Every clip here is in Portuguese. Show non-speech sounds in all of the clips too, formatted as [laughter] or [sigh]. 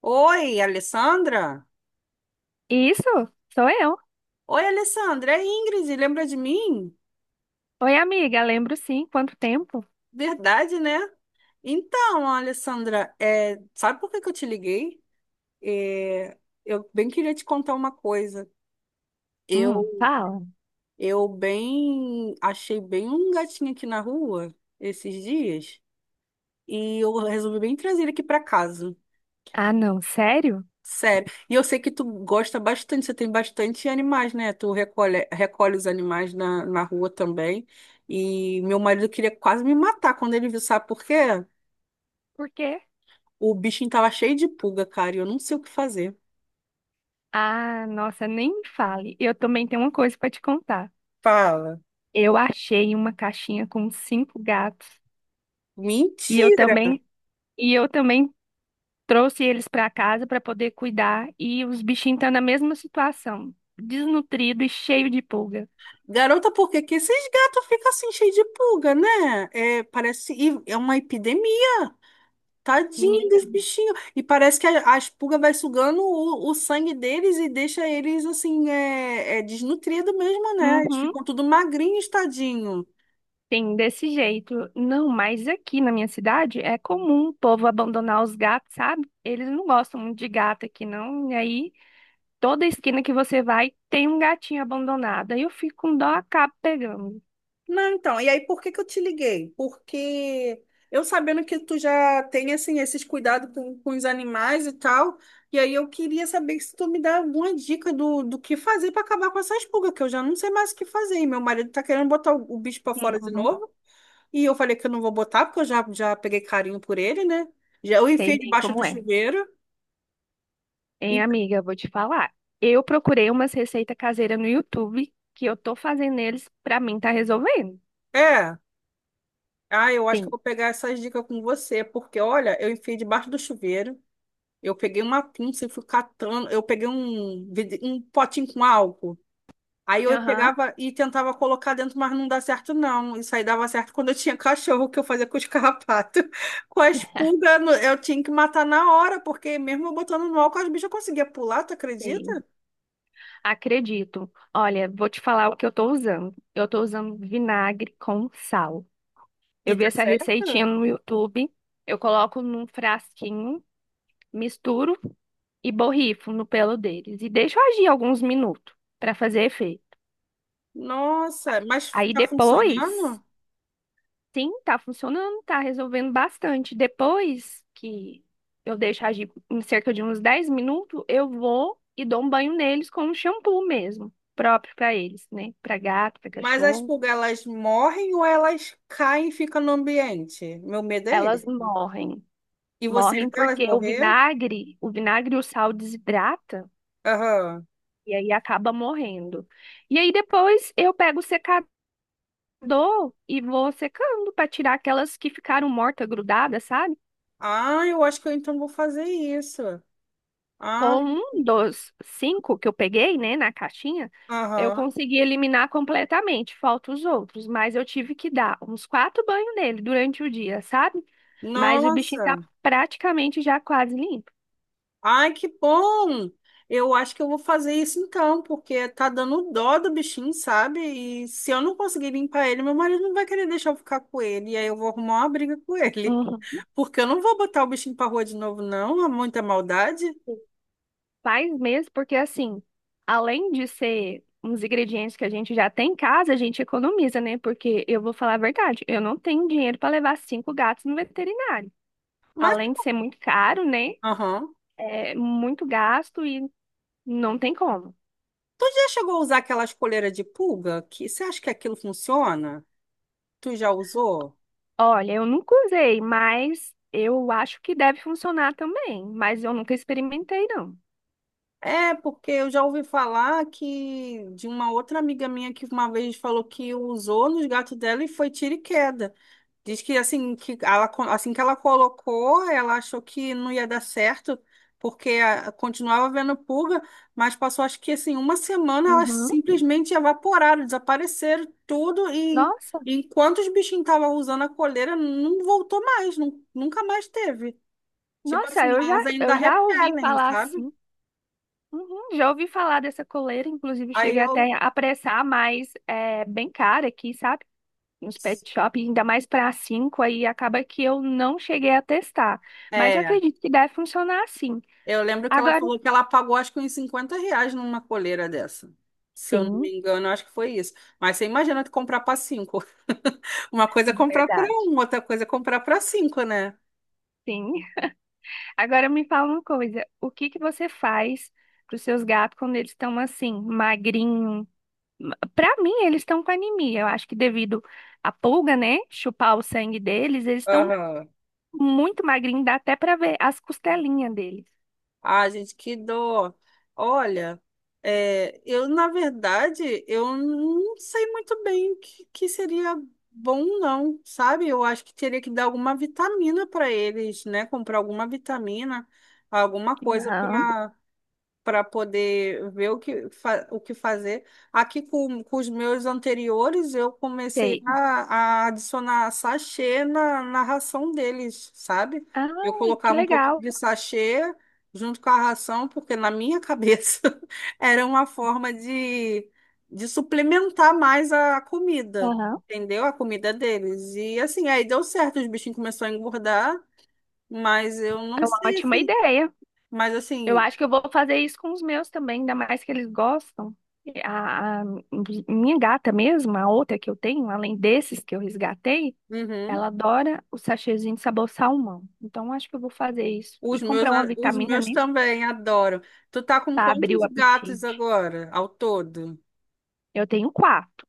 Oi, Alessandra? Isso, sou eu. Oi, Alessandra, é Ingrid, lembra de mim? Oi, amiga, lembro sim. Quanto tempo? Verdade, né? Então, Alessandra, sabe por que que eu te liguei? É, eu bem queria te contar uma coisa. Eu, Fala. eu bem achei bem um gatinho aqui na rua esses dias e eu resolvi bem trazer ele aqui para casa. Ah, não, sério? Sério. E eu sei que tu gosta bastante, você tem bastante animais, né? Tu recolhe os animais na rua também. E meu marido queria quase me matar quando ele viu, sabe por quê? Por quê? O bichinho tava cheio de pulga, cara, e eu não sei o que fazer. Ah, nossa, nem me fale. Eu também tenho uma coisa para te contar. Fala. Eu achei uma caixinha com cinco gatos e eu Mentira! também e eu também trouxe eles para casa para poder cuidar e os bichinhos estão na mesma situação, desnutrido e cheio de pulga. Garota, por que que esses gatos ficam assim cheios de pulga, né? É, parece, e é uma epidemia. Tadinho Menina, dos bichinhos. E parece que a pulga vai sugando o sangue deles e deixa eles assim, é desnutrido mesmo, né? Eles uhum. ficam tudo magrinhos, tadinho. Sim, desse jeito. Não, mas aqui na minha cidade é comum o povo abandonar os gatos, sabe? Eles não gostam muito de gato aqui, não. E aí, toda esquina que você vai tem um gatinho abandonado. Aí eu fico com dó, acabo pegando. Não, então, e aí por que que eu te liguei? Porque eu sabendo que tu já tem, assim, esses cuidados com os animais e tal, e aí eu queria saber se tu me dá alguma dica do que fazer para acabar com essas pulgas, que eu já não sei mais o que fazer. E meu marido tá querendo botar o bicho para fora de Uhum, novo. E eu falei que eu não vou botar, porque eu já peguei carinho por ele, né? Já eu sei enfiei bem debaixo como do é. chuveiro. Hein, E- amiga, vou te falar. Eu procurei umas receitas caseiras no YouTube que eu tô fazendo eles pra mim tá resolvendo. É. Ah, eu acho que eu Sim. vou pegar essas dicas com você, porque olha, eu enfiei debaixo do chuveiro. Eu peguei uma pinça e fui catando. Eu peguei um potinho com álcool. Aí eu Aham. pegava e tentava colocar dentro, mas não dá certo, não. Isso aí dava certo quando eu tinha [laughs] cachorro, que eu fazia com os carrapatos. [laughs] Com a [laughs] pulgas, eu tinha que matar na hora, porque mesmo eu botando no álcool, as bichas conseguiam pular, tu Sim, acredita? acredito. Olha, vou te falar o que eu tô usando. Eu tô usando vinagre com sal. E Eu vi dá essa receitinha certo? no YouTube. Eu coloco num frasquinho, misturo e borrifo no pelo deles. E deixo agir alguns minutos para fazer efeito. Nossa, mas Aí tá depois, funcionando? sim, tá funcionando, tá resolvendo bastante. Depois que eu deixo agir em cerca de uns 10 minutos, eu vou e dou um banho neles com um shampoo mesmo, próprio para eles, né? Para gato, para Mas as cachorro. pulgas, elas morrem ou elas caem e ficam no ambiente? Meu medo é Elas ele. morrem. E você Morrem vê elas porque o morrer? vinagre, o vinagre e o sal desidrata. Aham. E aí acaba morrendo. E aí depois eu pego o secador e vou secando para tirar aquelas que ficaram mortas, grudadas, sabe? Ah, eu acho que eu então vou fazer isso. Ah, Com um dos cinco que eu peguei, né, na caixinha, eu aham. consegui eliminar completamente, falta os outros, mas eu tive que dar uns quatro banhos nele durante o dia, sabe? Mas o bichinho tá Nossa. praticamente já quase limpo. Ai, que bom! Eu acho que eu vou fazer isso então, porque tá dando dó do bichinho, sabe? E se eu não conseguir limpar ele, meu marido não vai querer deixar eu ficar com ele. E aí eu vou arrumar uma briga com ele. Uhum. Porque eu não vou botar o bichinho pra rua de novo, não. Há muita maldade. Faz mesmo, porque assim, além de ser uns ingredientes que a gente já tem em casa, a gente economiza, né? Porque eu vou falar a verdade, eu não tenho dinheiro para levar cinco gatos no veterinário. Mas, Além de ser muito caro, né? aham. É muito gasto e não tem como. Tu já chegou a usar aquelas coleiras de pulga? Que, você acha que aquilo funciona? Tu já usou? Olha, eu nunca usei, mas eu acho que deve funcionar também. Mas eu nunca experimentei, não. É, porque eu já ouvi falar que de uma outra amiga minha que uma vez falou que usou nos gatos dela e foi tiro e queda. Diz que assim que ela colocou, ela achou que não ia dar certo, porque continuava vendo pulga, mas passou acho que assim uma semana elas Uhum. simplesmente evaporaram, desapareceram tudo e Nossa, enquanto os bichinhos estavam usando a coleira, não voltou mais, nunca mais teve. Tipo nossa, assim, eu já, elas ainda eu já ouvi repelem, falar sabe? assim. Uhum, já ouvi falar dessa coleira, inclusive Aí cheguei até eu, a apressar, mas é bem cara aqui, sabe? Nos pet shop, ainda mais para cinco, aí acaba que eu não cheguei a testar. Mas eu é, acredito que deve funcionar assim. Eu lembro que ela Agora, falou que ela pagou acho que uns R$ 50 numa coleira dessa. Se eu não me Sim, engano, acho que foi isso. Mas você imagina tu comprar para cinco. [laughs] Uma coisa é comprar para verdade. um, outra coisa é comprar para cinco, né? Sim. Agora me fala uma coisa: o que que você faz para os seus gatos quando eles estão assim, magrinho? Para mim, eles estão com anemia. Eu acho que devido à pulga, né? Chupar o sangue deles, eles estão Aham. muito magrinho, dá até pra ver as costelinhas dele. Ah, gente, que dó. Olha, eu, na verdade, eu não sei muito bem o que, que seria bom, não, sabe? Eu acho que teria que dar alguma vitamina para eles, né? Comprar alguma vitamina, alguma coisa Aham, Para poder ver o que fazer. Aqui com os meus anteriores, eu comecei sei. a adicionar sachê na ração deles, sabe? Ah, Eu que colocava um pouco legal. de sachê junto com a ração, porque na minha cabeça [laughs] era uma forma de suplementar mais a comida. Aham. Entendeu? A comida deles. E assim, aí deu certo, os bichinhos começaram a engordar, mas eu não É uma sei, ótima assim. ideia. Mas Eu assim, acho que eu vou fazer isso com os meus também, ainda mais que eles gostam. A minha gata mesmo, a outra que eu tenho, além desses que eu resgatei, uhum. ela adora o sachêzinho de sabor salmão. Então, acho que eu vou fazer isso. E Os meus, comprar uma os vitamina, meus né? também adoram. Tu tá com Para abrir quantos o apetite. gatos agora, ao todo? Eu tenho quatro.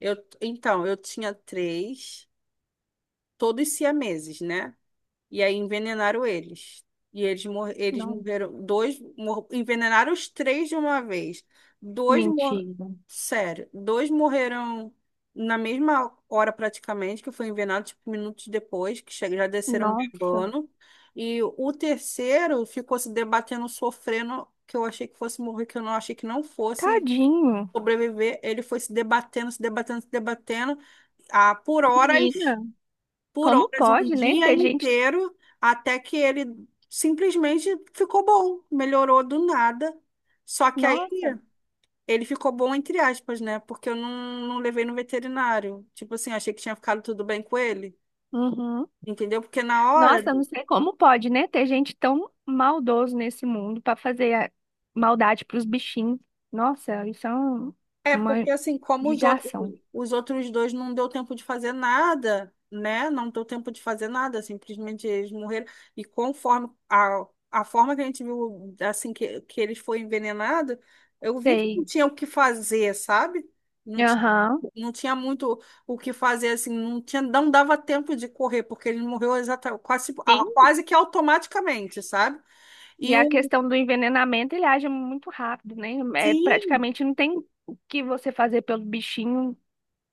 Eu, então, eu tinha três, todos siameses, né? E aí envenenaram eles. E eles Não, morreram. Dois mor envenenaram os três de uma vez. Dois mor mentira. Sério, dois morreram na mesma hora praticamente, que foi envenenado, tipo, minutos depois, que já desceram Nossa, bebando. E o terceiro ficou se debatendo, sofrendo, que eu achei que fosse morrer, que eu não achei que não fosse tadinho. sobreviver. Ele foi se debatendo, se debatendo, se debatendo, ah, por horas Menina. por Como horas, um pode, né, dia ter gente. inteiro, até que ele simplesmente ficou bom, melhorou do nada. Só que aí Nossa, ele ficou bom entre aspas, né? Porque eu não levei no veterinário. Tipo assim, achei que tinha ficado tudo bem com ele, uhum. entendeu? Porque na hora Nossa, eu não sei como pode, né, ter gente tão maldoso nesse mundo para fazer maldade para os bichinhos. Nossa, isso é É, uma porque assim, como judiação. os outros dois não deu tempo de fazer nada, né? Não deu tempo de fazer nada, simplesmente eles morreram. E conforme a forma que, a gente viu, assim, que eles foram envenenados, eu vi que não Sei. tinha o que fazer, sabe? Não tinha, Aham. não tinha muito o que fazer, assim, não tinha, não dava tempo de correr, porque ele morreu exata, quase, a- Sim. quase que automaticamente, sabe? E E a o, questão do envenenamento, ele age muito rápido, né? É, sim, praticamente não tem o que você fazer pelo bichinho.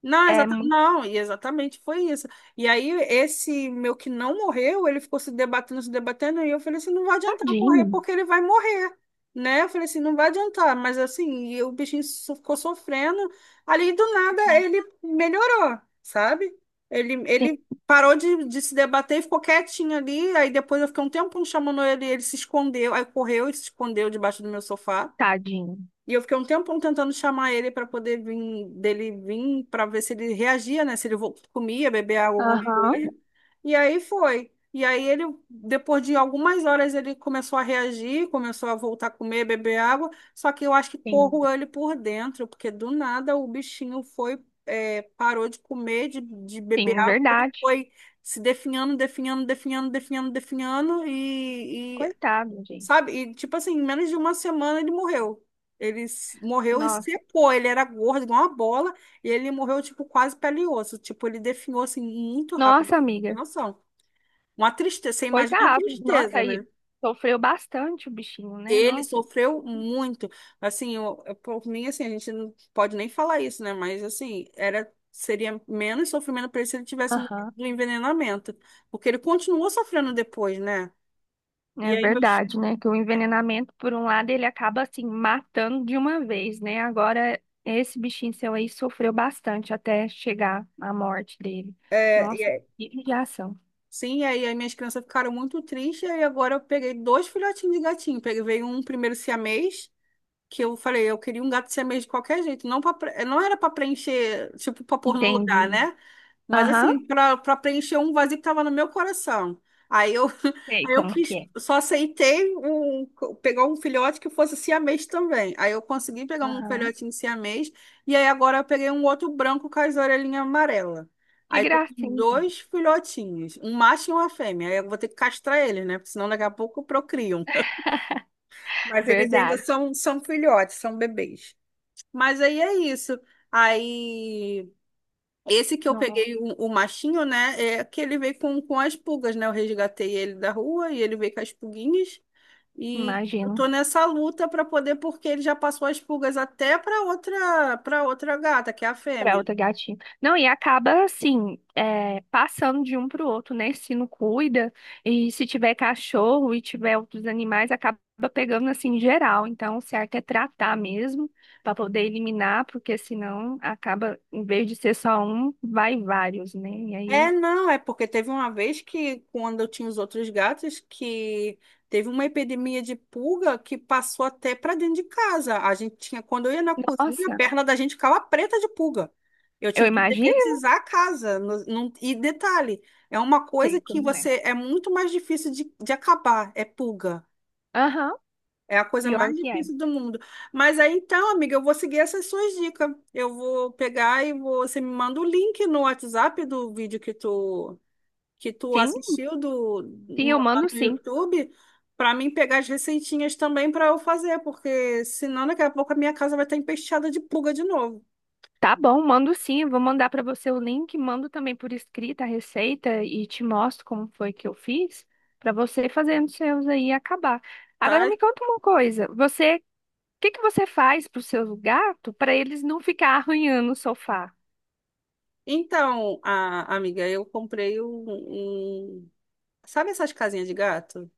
não, É muito não, e exatamente foi isso. E aí, esse meu que não morreu, ele ficou se debatendo, se debatendo, e eu falei assim: não vai adiantar eu correr, tadinho. porque ele vai morrer, né? Eu falei assim: não vai adiantar, mas assim, e o bichinho ficou sofrendo. Ali do nada, ele melhorou, sabe? Ele, Sim, ele parou de se debater e ficou quietinho ali. Aí depois eu fiquei um tempo chamando ele, ele se escondeu, aí correu e se escondeu debaixo do meu sofá. tadinho. E eu fiquei um tempão tentando chamar ele para poder vir, dele vir, para ver se ele reagia, né? Se ele comia, bebia água, alguma Aham. coisa. E aí foi. E aí ele, depois de algumas horas, ele começou a reagir, começou a voltar a comer, beber água. Só que eu acho que Sim, corroeu ele por dentro, porque do nada o bichinho foi, parou de comer, de beber sim, água, ele verdade. foi se definhando, definhando, definhando, definhando, definhando. Coitado, gente. Sabe? E, tipo assim, em menos de uma semana ele morreu. Ele morreu e Nossa, secou. Ele era gordo, igual uma bola, e ele morreu, tipo, quase pele e osso. Tipo, ele definhou, assim, muito rápido. nossa, Tem amiga. noção. Uma tristeza. Você imagina a Coitado, nossa, tristeza, aí né? sofreu bastante o bichinho, né? Ele Nossa, sofreu muito. Assim, por mim, assim, a gente não pode nem falar isso, né? Mas, assim, seria menos sofrimento para ele se ele tivesse morrido aham. do envenenamento. Porque ele continuou sofrendo depois, né? E É aí, meus, verdade, né? Que o envenenamento, por um lado, ele acaba assim matando de uma vez, né? Agora, esse bichinho seu aí sofreu bastante até chegar à morte dele. Nossa, é, que judiação. Sim, e aí as minhas crianças ficaram muito tristes, e agora eu peguei dois filhotinhos de gatinho. Peguei veio um primeiro siamês, que eu falei, eu queria um gato siamês de qualquer jeito, não, não era para preencher, tipo, para pôr no lugar, Entendi. né? Mas Aham. assim, para preencher um vazio que estava no meu coração. Aí eu, [laughs] Sei aí eu como que quis, é. só aceitei um, pegar um filhote que fosse siamês também. Aí eu consegui pegar um Aham. filhotinho siamês, e aí agora eu peguei um outro branco com as orelhinhas amarelas. Que Aí tô com gracinha. dois filhotinhos, um macho e uma fêmea. Aí eu vou ter que castrar eles, né? Porque senão daqui a pouco procriam. [laughs] [laughs] Mas eles ainda Verdade. são filhotes, são bebês. Mas aí é isso. Aí. Esse que eu Não, peguei, o machinho, né? É que ele veio com as pulgas, né? Eu resgatei ele da rua e ele veio com as pulguinhas. E eu imagino. tô nessa luta para poder, porque ele já passou as pulgas até para outra gata, que é a Pra fêmea. outra gatinha. Não, e acaba assim, é, passando de um pro outro, né? Se não cuida, e se tiver cachorro e tiver outros animais, acaba pegando assim geral. Então, o certo é tratar mesmo, pra poder eliminar, porque senão acaba, em vez de ser só um, vai vários, né? E É, aí, não, é porque teve uma vez que, quando eu tinha os outros gatos, que teve uma epidemia de pulga que passou até para dentro de casa. A gente tinha, quando eu ia na cozinha, a nossa, perna da gente ficava preta de pulga. Eu eu tive que imagino, detetizar a casa. E detalhe, é uma coisa sei que como é. você é muito mais difícil de acabar, é pulga. Aham, É a coisa pior mais que é. difícil do mundo. Mas aí então, amiga, eu vou seguir essas suas dicas. Eu vou pegar e você me manda o link no WhatsApp do vídeo que tu Sim, assistiu do, sim, no, eu lá mando no sim. YouTube para mim pegar as receitinhas também para eu fazer, porque senão daqui a pouco a minha casa vai estar empesteada de pulga de novo, Tá bom, mando sim. Eu vou mandar para você o link, mando também por escrita a receita e te mostro como foi que eu fiz para você fazendo os seus aí e acabar. Agora tá? me conta uma coisa, o que que você faz para os seus gatos para eles não ficar arranhando o sofá? Então, amiga, eu comprei um. Sabe essas casinhas de gato?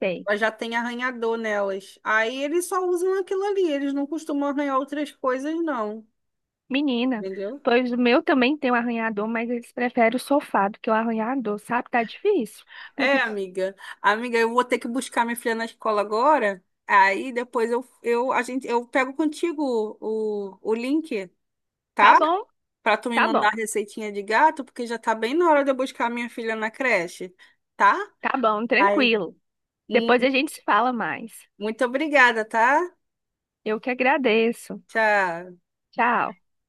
Sei. Elas já tem arranhador nelas. Aí eles só usam aquilo ali, eles não costumam arranhar outras coisas, não. Menina, Entendeu? pois o meu também tem um arranhador, mas eles preferem o sofá do que o arranhador, sabe? Tá difícil. É, [laughs] amiga. Amiga, eu vou ter que buscar minha filha na escola agora. Aí depois eu pego contigo o link, Tá tá? bom, Pra tu me tá mandar a bom, receitinha de gato, porque já tá bem na hora de eu buscar minha filha na creche, tá? tá bom, Aí, tranquilo. mu- Depois a gente se fala mais. muito obrigada, tá? Eu que agradeço. Tchau. Tchau.